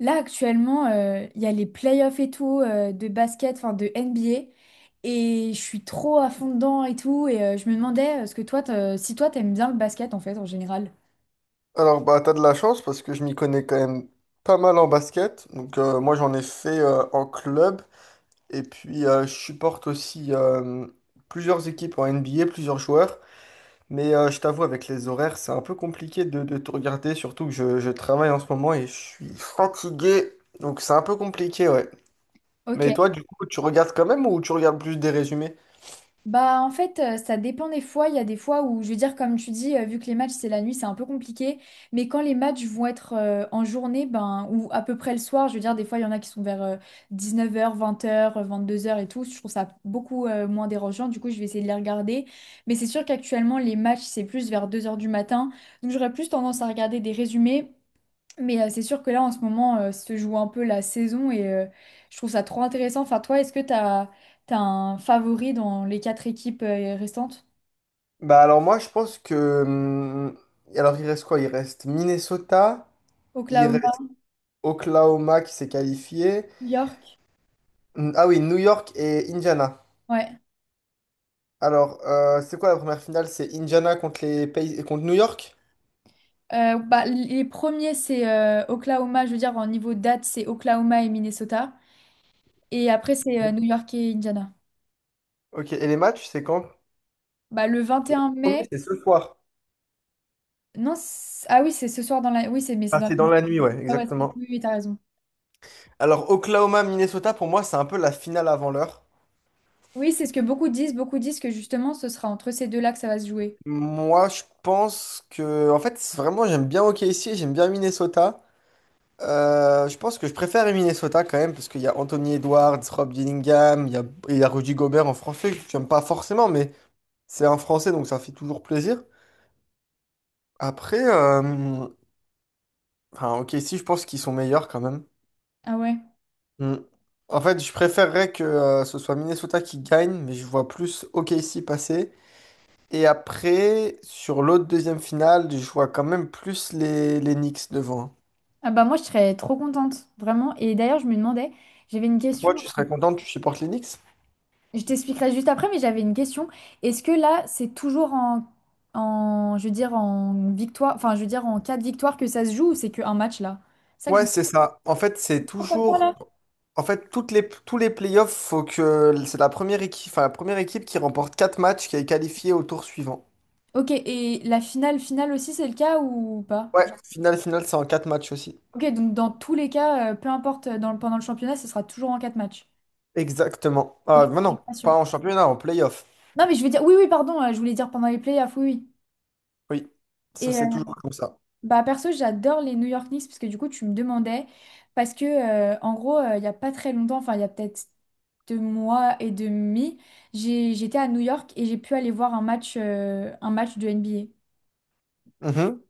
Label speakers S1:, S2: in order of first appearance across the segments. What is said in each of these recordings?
S1: Là, actuellement, il y a les playoffs et tout de basket, enfin de NBA. Et je suis trop à fond dedans et tout. Et je me demandais, ce que toi, si toi, t'aimes bien le basket en fait, en général.
S2: Alors, bah, t'as de la chance parce que je m'y connais quand même pas mal en basket. Donc, moi, j'en ai fait en club. Et puis, je supporte aussi plusieurs équipes en NBA, plusieurs joueurs. Mais je t'avoue, avec les horaires, c'est un peu compliqué de tout regarder. Surtout que je travaille en ce moment et je suis fatigué. Donc, c'est un peu compliqué, ouais.
S1: Ok.
S2: Mais toi, du coup, tu regardes quand même ou tu regardes plus des résumés?
S1: Bah en fait ça dépend des fois, il y a des fois où je veux dire comme tu dis vu que les matchs c'est la nuit, c'est un peu compliqué, mais quand les matchs vont être en journée ben ou à peu près le soir, je veux dire des fois il y en a qui sont vers 19h, 20h, 22h et tout, je trouve ça beaucoup moins dérangeant, du coup je vais essayer de les regarder, mais c'est sûr qu'actuellement les matchs c'est plus vers 2 heures du matin, donc j'aurais plus tendance à regarder des résumés. Mais c'est sûr que là, en ce moment, se joue un peu la saison et je trouve ça trop intéressant. Enfin, toi, est-ce que tu as, un favori dans les 4 équipes restantes?
S2: Bah, alors, moi, je pense que. Alors, il reste quoi? Il reste Minnesota. Il
S1: Oklahoma,
S2: reste Oklahoma qui s'est qualifié.
S1: New York?
S2: Ah oui, New York et Indiana.
S1: Ouais.
S2: Alors, c'est quoi la première finale? C'est Indiana contre contre New York?
S1: Bah, les premiers, c'est Oklahoma, je veux dire, en niveau date, c'est Oklahoma et Minnesota. Et après, c'est New York et Indiana.
S2: Ok, et les matchs, c'est quand?
S1: Bah, le vingt et
S2: Le
S1: un
S2: premier,
S1: mai,
S2: c'est ce soir.
S1: non, ah oui, c'est ce soir dans la. Oui, c'est mais c'est
S2: Ah,
S1: dans
S2: c'est
S1: la.
S2: dans la nuit, ouais,
S1: Ah ouais,
S2: exactement.
S1: oui, oui, t'as raison.
S2: Alors, Oklahoma, Minnesota, pour moi, c'est un peu la finale avant l'heure.
S1: Oui, c'est ce que beaucoup disent. Beaucoup disent que justement, ce sera entre ces deux-là que ça va se jouer.
S2: Moi, je pense que, en fait, c'est vraiment, j'aime bien OKC, j'aime bien Minnesota. Je pense que je préfère Minnesota quand même, parce qu'il y a Anthony Edwards, Rob Dillingham, il y a Rudy Gobert en français, que j'aime pas forcément, mais c'est un Français, donc ça fait toujours plaisir. Après, enfin, ok, si je pense qu'ils sont meilleurs quand même.
S1: Ah ouais.
S2: Mm. En fait, je préférerais que ce soit Minnesota qui gagne, mais je vois plus OKC passer. Et après, sur l'autre deuxième finale, je vois quand même plus les Knicks devant.
S1: Ah bah moi, je serais trop contente, vraiment. Et d'ailleurs, je me demandais, j'avais une
S2: Toi,
S1: question,
S2: tu serais content, tu supportes les Knicks?
S1: je t'expliquerai juste après, mais j'avais une question. Est-ce que là, c'est toujours en, je veux dire, en victoire, enfin, je veux dire, en cas de victoire que ça se joue ou c'est qu'un match là? C'est ça que je
S2: Ouais,
S1: me.
S2: c'est ça. En fait, c'est
S1: Pourquoi pas,
S2: toujours.
S1: là?
S2: En fait, tous les playoffs, faut que c'est la première équipe qui remporte 4 matchs qui est qualifiée au tour suivant.
S1: Ok, et la finale, finale aussi, c'est le cas ou pas?
S2: Ouais, finale, finale, c'est en 4 matchs aussi.
S1: Ok, donc dans tous les cas, peu importe dans, pendant le championnat, ce sera toujours en quatre de.
S2: Exactement.
S1: Ok,
S2: Ah, mais
S1: j'étais
S2: non,
S1: pas sûr.
S2: pas en championnat, en play-off.
S1: Non, mais je veux dire, oui, oui, pardon, je voulais dire pendant les playoffs, oui,
S2: Oui, ça
S1: oui.
S2: c'est toujours comme ça.
S1: Bah perso, j'adore les New York Knicks parce que du coup, tu me demandais parce que en gros, il y a pas très longtemps, enfin il y a peut-être 2 mois et demi, j'étais à New York et j'ai pu aller voir un match de NBA.
S2: Mhm.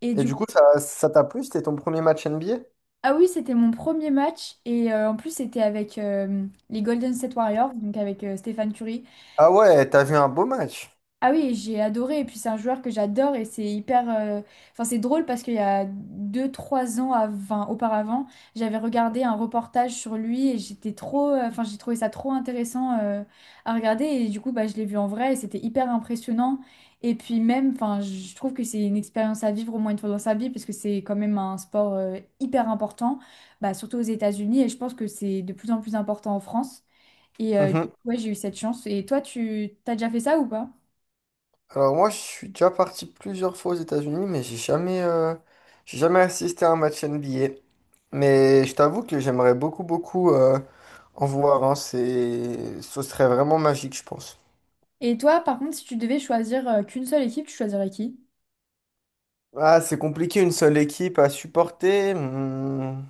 S1: Et
S2: Et
S1: du
S2: du
S1: coup,
S2: coup, ça t'a plu? C'était ton premier match NBA?
S1: ah oui, c'était mon premier match et en plus c'était avec les Golden State Warriors, donc avec Stephen Curry.
S2: Ah ouais, t'as vu un beau match.
S1: Ah oui, j'ai adoré. Et puis c'est un joueur que j'adore et c'est hyper. Enfin, c'est drôle parce qu'il y a deux trois ans enfin, auparavant, j'avais regardé un reportage sur lui et j'étais trop. Enfin, j'ai trouvé ça trop intéressant à regarder. Et du coup, bah, je l'ai vu en vrai et c'était hyper impressionnant. Et puis même, enfin, je trouve que c'est une expérience à vivre au moins une fois dans sa vie parce que c'est quand même un sport hyper important, bah, surtout aux États-Unis. Et je pense que c'est de plus en plus important en France. Et
S2: Mhm.
S1: ouais, j'ai eu cette chance. Et toi, tu t'as déjà fait ça ou pas?
S2: Alors moi, je suis déjà parti plusieurs fois aux États-Unis, mais j'ai jamais assisté à un match NBA. Mais je t'avoue que j'aimerais beaucoup, beaucoup en voir, hein. Ce serait vraiment magique, je pense.
S1: Et toi, par contre, si tu devais choisir qu'une seule équipe, tu choisirais qui?
S2: Ah, c'est compliqué une seule équipe à supporter.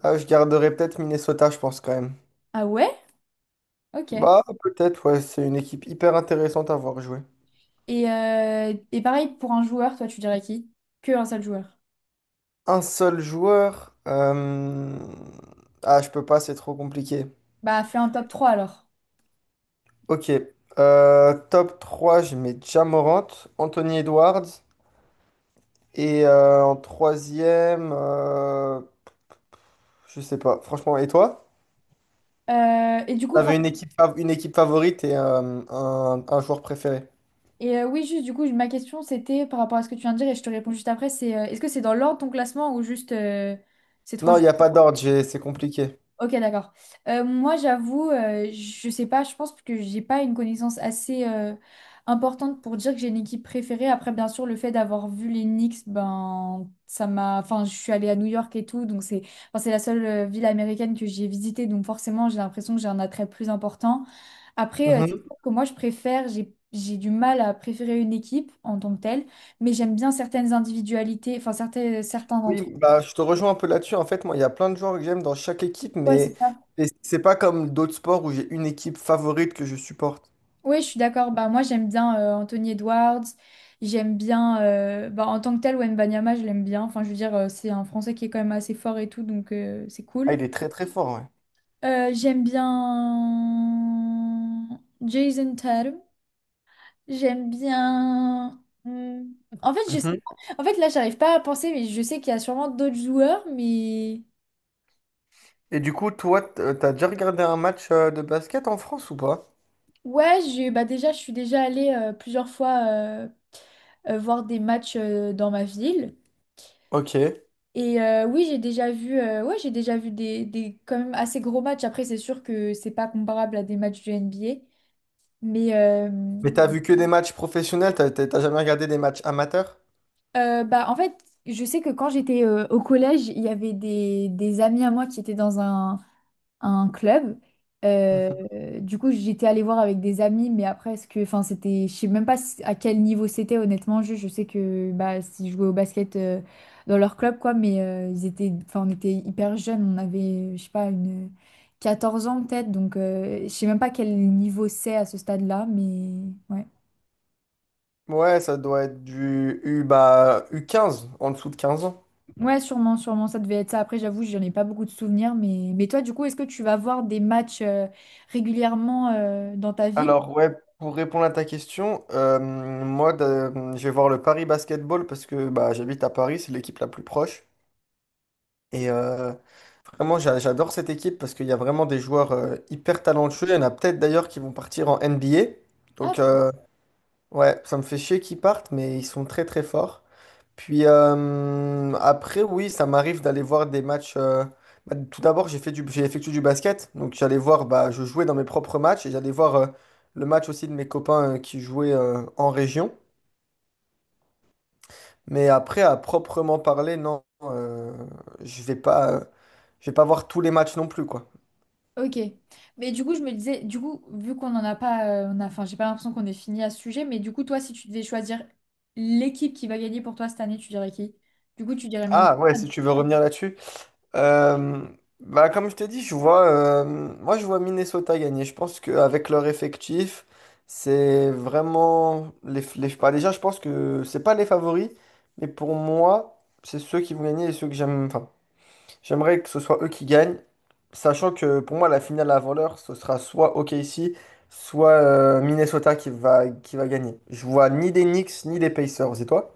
S2: Ah, je garderai peut-être Minnesota, je pense quand même.
S1: Ah ouais? Ok.
S2: Bah, peut-être, ouais, c'est une équipe hyper intéressante à voir jouer.
S1: Et pareil, pour un joueur, toi, tu dirais qui? Que un seul joueur.
S2: Un seul joueur. Ah, je peux pas, c'est trop compliqué.
S1: Bah, fais un top trois alors.
S2: Ok. Top 3, je mets Ja Morant, Anthony Edwards. Et en troisième, je sais pas. Franchement, et toi?
S1: Et du coup,
S2: T'avais
S1: enfin,
S2: une équipe favorite et un joueur préféré.
S1: et oui, juste, du coup, ma question, c'était par rapport à ce que tu viens de dire, et je te réponds juste après, c'est est-ce que c'est dans l'ordre ton classement ou juste ces trois.
S2: Non, il n'y a pas d'ordre, c'est compliqué.
S1: Ok, d'accord. Moi, j'avoue, je sais pas, je pense que j'ai pas une connaissance assez importante pour dire que j'ai une équipe préférée. Après, bien sûr, le fait d'avoir vu les Knicks, ben, ça m'a. Enfin, je suis allée à New York et tout, donc c'est enfin, c'est la seule ville américaine que j'ai visitée, donc forcément, j'ai l'impression que j'ai un attrait plus important. Après, c'est
S2: Mhm.
S1: sûr que moi, je préfère, j'ai du mal à préférer une équipe en tant que telle, mais j'aime bien certaines individualités, enfin, certains
S2: Oui,
S1: d'entre eux.
S2: bah, je te rejoins un peu là-dessus. En fait, moi, il y a plein de joueurs que j'aime dans chaque équipe,
S1: Ouais, c'est
S2: mais
S1: ça.
S2: et c'est pas comme d'autres sports où j'ai une équipe favorite que je supporte.
S1: Oui, je suis d'accord. Bah, moi, j'aime bien Anthony Edwards. J'aime bien, bah, en tant que tel, Wembanyama, je l'aime bien. Enfin, je veux dire, c'est un Français qui est quand même assez fort et tout, donc c'est
S2: Ah,
S1: cool.
S2: il est très très fort, ouais.
S1: J'aime bien Jason Tatum. J'aime bien. Hmm. En fait, je sais
S2: Mhm.
S1: pas. En fait, là, j'arrive pas à penser, mais je sais qu'il y a sûrement d'autres joueurs, mais
S2: Et du coup, toi, t'as déjà regardé un match de basket en France ou pas?
S1: ouais, j'ai bah déjà, je suis déjà allée plusieurs fois voir des matchs dans ma ville.
S2: Ok.
S1: Et oui, j'ai déjà vu, ouais, j'ai déjà vu des quand même assez gros matchs. Après, c'est sûr que c'est pas comparable à des matchs du NBA. Mais
S2: Mais t'as vu que des matchs professionnels, t'as jamais regardé des matchs amateurs?
S1: bah, en fait, je sais que quand j'étais au collège, il y avait des amis à moi qui étaient dans un club.
S2: Mhm.
S1: Du coup, j'étais allée voir avec des amis, mais après, ce que, enfin, c'était, je sais même pas à quel niveau c'était, honnêtement. Je sais que bah, s'ils jouaient au basket dans leur club, quoi, mais ils étaient, enfin, on était hyper jeunes, on avait, je sais pas, une 14 ans peut-être, donc je sais même pas quel niveau c'est à ce stade-là, mais ouais.
S2: Ouais, ça doit être du U, bah, u quinze en dessous de 15 ans.
S1: Ouais, sûrement, sûrement, ça devait être ça. Après, j'avoue, j'en ai pas beaucoup de souvenirs, mais toi, du coup, est-ce que tu vas voir des matchs régulièrement dans ta ville?
S2: Alors, ouais, pour répondre à ta question, moi, je vais voir le Paris Basketball parce que bah, j'habite à Paris, c'est l'équipe la plus proche. Et vraiment, j'adore cette équipe parce qu'il y a vraiment des joueurs hyper talentueux. Il y en a peut-être d'ailleurs qui vont partir en NBA.
S1: Ah,
S2: Donc, ouais, ça me fait chier qu'ils partent, mais ils sont très très forts. Puis après, oui, ça m'arrive d'aller voir des matchs. Bah, tout d'abord, j'ai effectué du basket. Donc j'allais voir, bah, je jouais dans mes propres matchs et j'allais voir le match aussi de mes copains qui jouaient en région. Mais après, à proprement parler, non, je vais pas, euh, je vais pas voir tous les matchs non plus, quoi.
S1: Ok. Mais du coup, je me disais, du coup, vu qu'on n'en a pas, on a, enfin, j'ai pas l'impression qu'on ait fini à ce sujet, mais du coup, toi, si tu devais choisir l'équipe qui va gagner pour toi cette année, tu dirais qui? Du coup, tu dirais Minnesota.
S2: Ah ouais, si tu veux revenir là-dessus. Euh, bah, comme je t'ai dit je vois, moi je vois Minnesota gagner. Je pense qu'avec leur effectif, c'est vraiment bah, déjà, je pense que c'est pas les favoris, mais pour moi, c'est ceux qui vont gagner et ceux que j'aime. Enfin, j'aimerais que ce soit eux qui gagnent, sachant que pour moi la finale avant l'heure, ce sera soit OKC, soit Minnesota qui va gagner. Je vois ni des Knicks ni des Pacers. Et toi?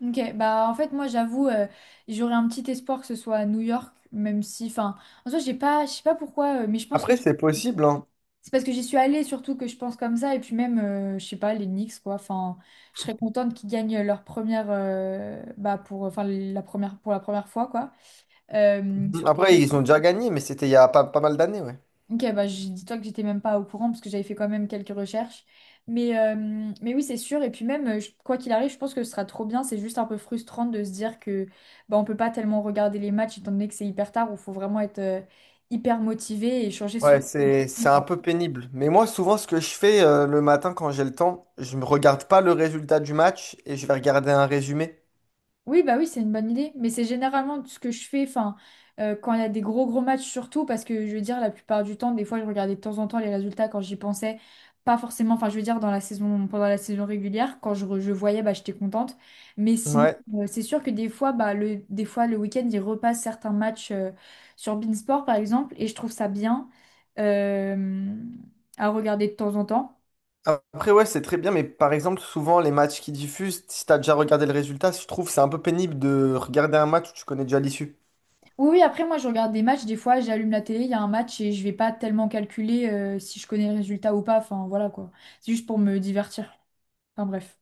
S1: Ok, bah en fait, moi, j'avoue, j'aurais un petit espoir que ce soit à New York, même si, enfin, en soi, j'ai pas, je sais pas pourquoi, mais je pense que
S2: Après, c'est possible, hein.
S1: c'est parce que j'y suis allée surtout que je pense comme ça, et puis même, je sais pas, les Knicks, quoi, enfin, je serais contente qu'ils gagnent leur première, bah, pour, enfin, la première, pour la première fois, quoi. Surtout.
S2: Après, ils ont déjà gagné, mais c'était il y a pas mal d'années, ouais.
S1: Ok, bah, dis-toi que j'étais même pas au courant parce que j'avais fait quand même quelques recherches. Mais oui, c'est sûr. Et puis même, quoi qu'il arrive, je pense que ce sera trop bien. C'est juste un peu frustrant de se dire que bah, on peut pas tellement regarder les matchs étant donné que c'est hyper tard où il faut vraiment être hyper motivé et changer son.
S2: Ouais, c'est un peu pénible. Mais moi, souvent, ce que je fais le matin quand j'ai le temps, je ne regarde pas le résultat du match et je vais regarder un résumé.
S1: Oui, bah oui, c'est une bonne idée. Mais c'est généralement ce que je fais, enfin, quand il y a des gros gros matchs surtout, parce que je veux dire, la plupart du temps, des fois, je regardais de temps en temps les résultats quand j'y pensais. Pas forcément, enfin, je veux dire, dans la saison, pendant la saison régulière, quand je voyais, bah, j'étais contente. Mais sinon,
S2: Ouais.
S1: c'est sûr que des fois, bah, des fois, le week-end, ils repassent certains matchs sur Beansport, par exemple, et je trouve ça bien euh, à regarder de temps en temps.
S2: Après, ouais, c'est très bien, mais par exemple, souvent, les matchs qui diffusent, si t'as déjà regardé le résultat, je trouve que c'est un peu pénible de regarder un match où tu connais déjà l'issue.
S1: Oui, oui, après moi je regarde des matchs, des fois j'allume la télé, il y a un match et je vais pas tellement calculer si je connais le résultat ou pas, enfin voilà quoi. C'est juste pour me divertir. Enfin bref.